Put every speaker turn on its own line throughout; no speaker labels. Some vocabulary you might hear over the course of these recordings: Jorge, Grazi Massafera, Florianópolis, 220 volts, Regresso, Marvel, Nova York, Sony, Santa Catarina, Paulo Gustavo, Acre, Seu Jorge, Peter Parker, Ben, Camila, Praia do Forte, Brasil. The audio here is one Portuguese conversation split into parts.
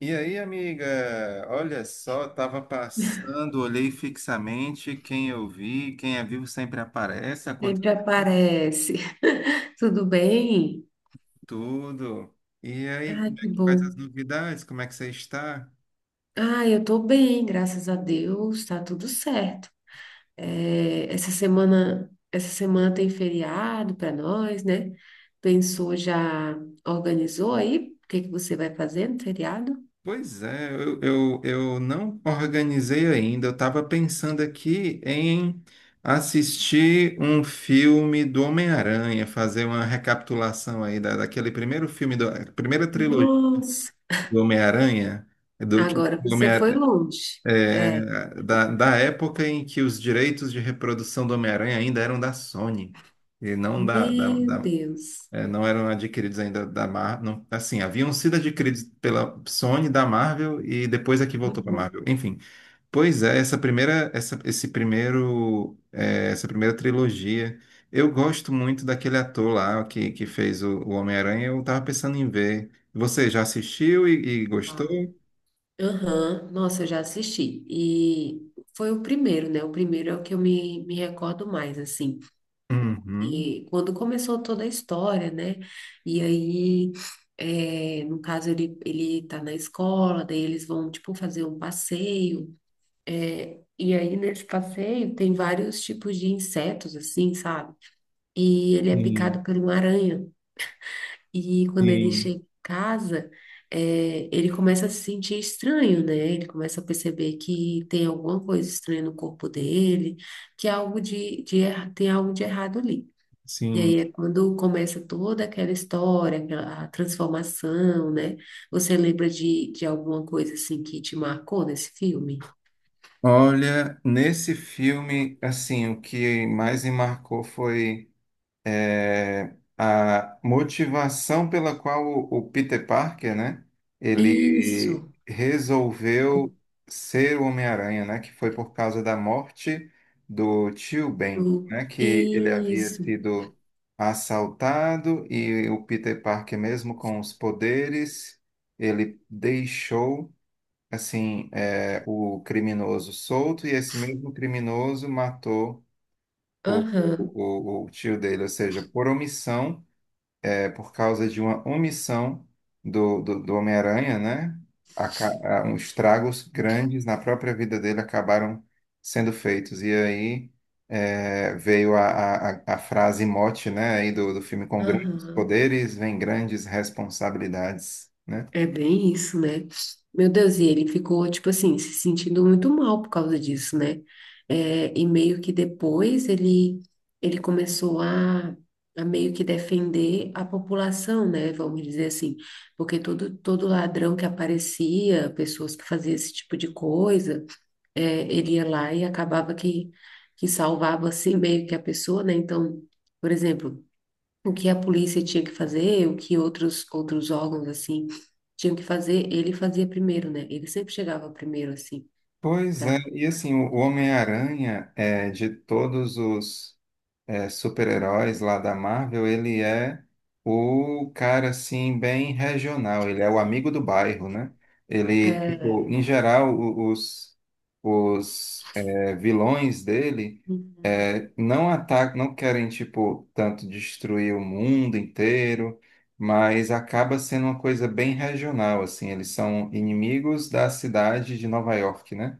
E aí, amiga? Olha só, tava passando, olhei fixamente quem eu vi, quem é vivo sempre aparece, acontece
Sempre aparece. Tudo bem?
tudo. E aí,
Ai,
como é
que
que faz as
bom.
novidades? Como é que você está?
Ah, eu tô bem, graças a Deus, tá tudo certo. É, essa semana tem feriado para nós, né? Pensou, já organizou aí? O que que você vai fazer no feriado?
Pois é, eu não organizei ainda. Eu estava pensando aqui em assistir um filme do Homem-Aranha, fazer uma recapitulação aí daquele primeiro filme, da primeira trilogia
Nossa,
do Homem-Aranha, do que
agora
o
você foi
Homem-Aranha
longe. É,
é, da época em que os direitos de reprodução do Homem-Aranha ainda eram da Sony e não
meu Deus.
não eram adquiridos ainda da Marvel. Assim, haviam sido adquiridos pela Sony, da Marvel e depois é que voltou para
Uhum.
Marvel. Enfim, pois é, essa primeira, essa, esse primeiro, é, essa primeira trilogia. Eu gosto muito daquele ator lá que fez o Homem-Aranha. Eu tava pensando em ver. Você já assistiu e gostou?
Uau. Aham, nossa, eu já assisti. E foi o primeiro, né? O primeiro é o que eu me recordo mais, assim.
Uhum.
E quando começou toda a história, né? E aí, no caso, ele tá na escola, daí eles vão, tipo, fazer um passeio. E aí, nesse passeio, tem vários tipos de insetos, assim, sabe? E ele é
Sim,
picado por uma aranha. E quando ele
sim.
chega em casa, ele começa a se sentir estranho, né? Ele começa a perceber que tem alguma coisa estranha no corpo dele, que há algo tem algo de errado ali. E aí
Sim.
é quando começa toda aquela história, a transformação, né? Você lembra de alguma coisa assim que te marcou nesse filme?
Olha, nesse filme, assim, o que mais me marcou foi a motivação pela qual o Peter Parker, né, ele
Isso.
resolveu ser o Homem-Aranha, né, que foi por causa da morte do tio Ben, né, que ele havia
Isso.
sido assaltado e o Peter Parker, mesmo com os poderes, ele deixou assim, é, o criminoso solto e esse mesmo criminoso matou o,
Aham,
o tio dele, ou seja, por omissão, é, por causa de uma omissão do Homem-Aranha, né? Uns estragos grandes na própria vida dele acabaram sendo feitos. E aí é, veio a frase mote, né, aí do filme, com grandes
aham.
poderes vem grandes responsabilidades, né?
É bem isso, né? Meu Deus, e ele ficou, tipo assim, se sentindo muito mal por causa disso, né? É, e meio que depois ele começou a meio que defender a população, né? Vamos dizer assim, porque todo ladrão que aparecia, pessoas que faziam esse tipo de coisa, ele ia lá e acabava que salvava, assim, meio que a pessoa, né? Então, por exemplo, o que a polícia tinha que fazer, o que outros outros órgãos assim tinham que fazer, ele fazia primeiro, né? Ele sempre chegava primeiro assim.
Pois
pra-
é, e assim, o Homem-Aranha, é, de todos os super-heróis lá da Marvel, ele é o cara, assim, bem regional, ele é o amigo do bairro, né? Ele, tipo,
É.
em geral, os, vilões dele
Uhum.
não atacam, não querem, tipo, tanto destruir o mundo inteiro, mas acaba sendo uma coisa bem regional, assim, eles são inimigos da cidade de Nova York, né?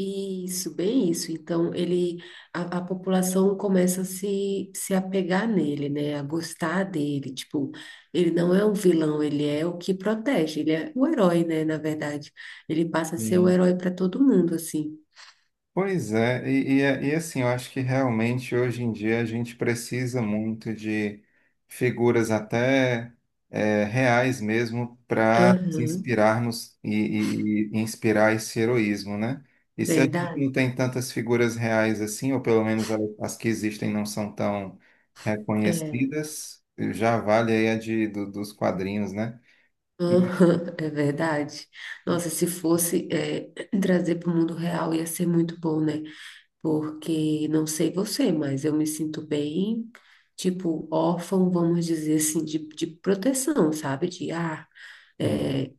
Isso, bem isso. Então a população começa a se apegar nele, né? A gostar dele, tipo, ele não é um vilão, ele é o que protege, ele é o herói, né, na verdade. Ele passa a ser o
Sim.
herói para todo mundo assim.
Pois é, e assim, eu acho que realmente hoje em dia a gente precisa muito de figuras até reais mesmo para
Aham.
inspirarmos e inspirar esse heroísmo, né? E se a gente
Verdade.
não tem tantas figuras reais assim, ou pelo menos as que existem não são tão
É.
reconhecidas, já vale aí a dos quadrinhos, né? E-
Aham, é verdade. Nossa, se fosse trazer para o mundo real ia ser muito bom, né? Porque não sei você, mas eu me sinto bem, tipo, órfão, vamos dizer assim, de proteção, sabe? De
Hum.
eh,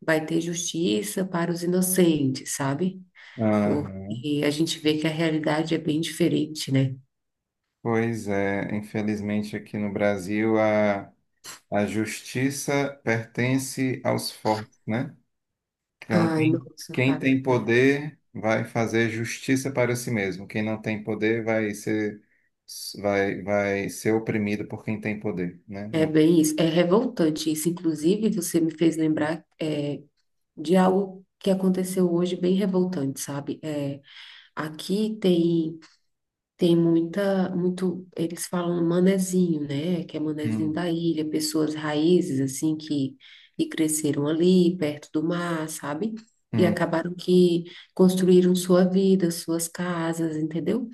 vai ter justiça para os inocentes, sabe?
Aham.
Porque a gente vê que a realidade é bem diferente, né?
Pois é, infelizmente aqui no Brasil a justiça pertence aos fortes, né? Então,
Ai, nossa,
quem
cara.
tem poder vai fazer justiça para si mesmo. Quem não tem poder vai ser, vai ser oprimido por quem tem poder, né?
É, é
No-
bem isso. É revoltante isso. Inclusive, você me fez lembrar. De algo que aconteceu hoje bem revoltante, sabe? É, aqui tem muita muito eles falam manezinho, né? Que é manezinho
Hum,
da ilha, pessoas raízes assim que cresceram ali perto do mar, sabe? E
hum,
acabaram que construíram sua vida, suas casas, entendeu?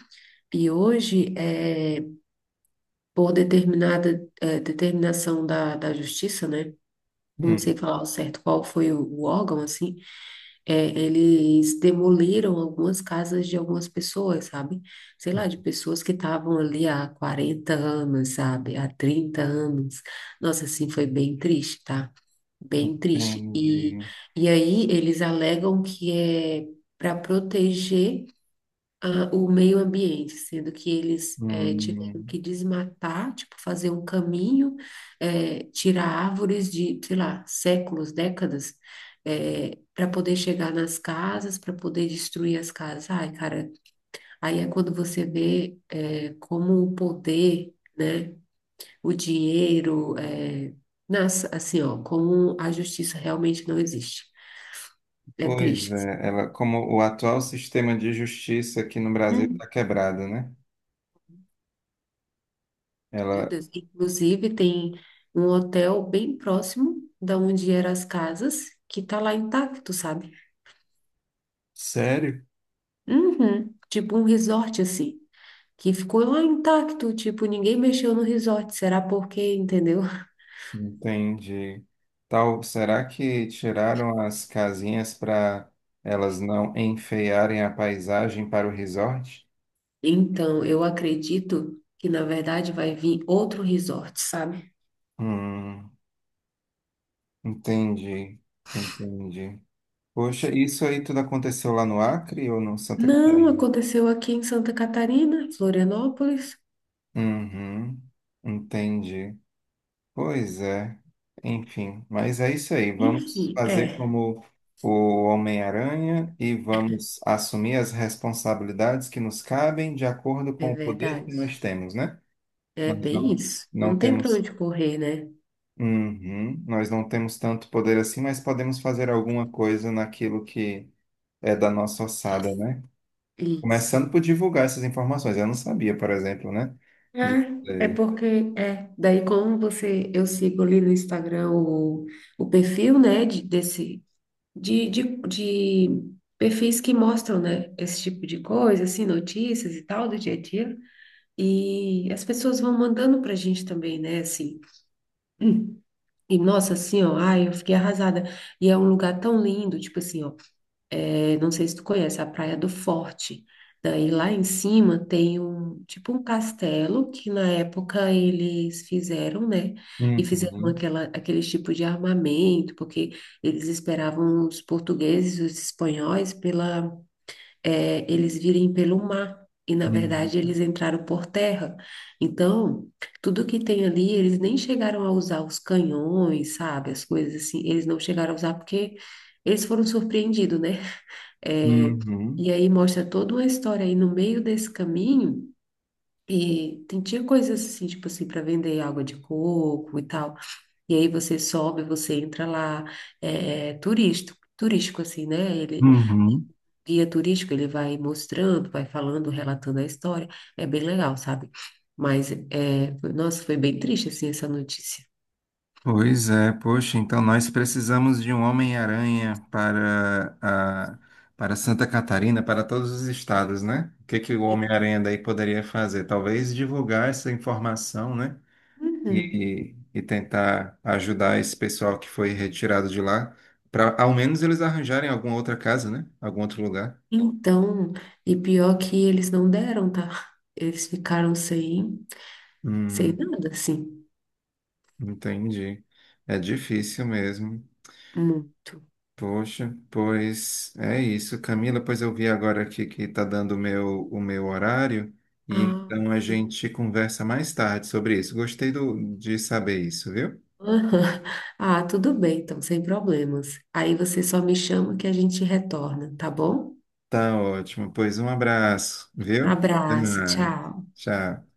E hoje, é, por determinada determinação da justiça, né? Não
hum.
sei falar ao certo qual foi o órgão, assim, é, eles demoliram algumas casas de algumas pessoas, sabe? Sei lá, de pessoas que estavam ali há 40 anos, sabe? Há 30 anos. Nossa, assim, foi bem triste, tá? Bem triste.
Entendi.
E aí eles alegam que é para proteger o meio ambiente, sendo que eles tiveram
Hum.
que desmatar, tipo, fazer um caminho, tirar árvores de, sei lá, séculos, décadas, para poder chegar nas casas, para poder destruir as casas. Ai, cara, aí é quando você vê como o poder, né, o dinheiro, nas, assim, ó, como a justiça realmente não existe. É
Pois
triste.
é, ela, como o atual sistema de justiça aqui no Brasil está quebrado, né?
Meu
Ela,
Deus. Inclusive, tem um hotel bem próximo da onde eram as casas, que tá lá intacto, sabe?
sério?
Uhum. Tipo um resort, assim, que ficou lá intacto, tipo, ninguém mexeu no resort. Será por quê, entendeu?
Entendi. Tal, será que tiraram as casinhas para elas não enfeiarem a paisagem para o resort?
Então, eu acredito que, na verdade, vai vir outro resort, sabe?
Hum, entendi, entendi. Poxa, isso aí tudo aconteceu lá no Acre ou no Santa
Não,
Catarina?
aconteceu aqui em Santa Catarina, Florianópolis.
Uhum, entendi. Pois é, enfim, mas é isso aí. Vamos
Enfim,
fazer como o Homem-Aranha e vamos assumir as responsabilidades que nos cabem de acordo
é
com o poder que
verdade.
nós temos, né?
É
Nós
bem
não,
isso. Não
não
tem pra
temos,
onde correr, né?
Uhum, nós não temos tanto poder assim, mas podemos fazer alguma coisa naquilo que é da nossa ossada, né? Começando
Isso.
por divulgar essas informações. Eu não sabia, por exemplo, né? Disso
É,
aí.
daí como você, eu sigo ali no Instagram o perfil, né, de, desse, de perfis que mostram, né, esse tipo de coisa, assim, notícias e tal, do dia a dia, e as pessoas vão mandando pra gente também, né, assim, e nossa, assim, ó, ai, eu fiquei arrasada, e é um lugar tão lindo, tipo assim, ó, eu não sei se tu conhece a Praia do Forte. Daí lá em cima tem um tipo um castelo que na época eles fizeram, né? E fizeram
Uhum,
aquela, aquele tipo de armamento, porque eles esperavam os portugueses e os espanhóis pela, eles virem pelo mar. E na verdade
uhum,
eles entraram por terra. Então, tudo que tem ali, eles nem chegaram a usar os canhões, sabe? As coisas assim, eles não chegaram a usar porque eles foram surpreendidos, né? É,
uhum,
e aí mostra toda uma história aí no meio desse caminho. E tem, tinha coisas assim, tipo assim, para vender água de coco e tal. E aí você sobe, você entra lá, é, é turístico, turístico assim, né? Ele,
uhum.
guia turístico, ele vai mostrando, vai falando, relatando a história. É bem legal, sabe? Mas, nossa, foi bem triste, assim, essa notícia.
Pois é, poxa, então nós precisamos de um Homem-Aranha para para Santa Catarina, para todos os estados, né? O que que o Homem-Aranha daí poderia fazer? Talvez divulgar essa informação, né?
Uhum.
E tentar ajudar esse pessoal que foi retirado de lá, para ao menos eles arranjarem alguma outra casa, né? Algum outro lugar.
Então, e pior que eles não deram, tá? Eles ficaram sem, sem
Hum,
nada, assim.
entendi. É difícil mesmo.
Muito.
Poxa, pois é isso, Camila. Pois eu vi agora aqui que está dando o meu horário, e
Ah,
então a
sim.
gente conversa mais tarde sobre isso. Gostei de saber isso, viu?
Aham. Ah, tudo bem, então, sem problemas. Aí você só me chama que a gente retorna, tá bom?
Tá ótimo. Pois um abraço, viu? Até
Abraço,
mais.
tchau.
Tchau.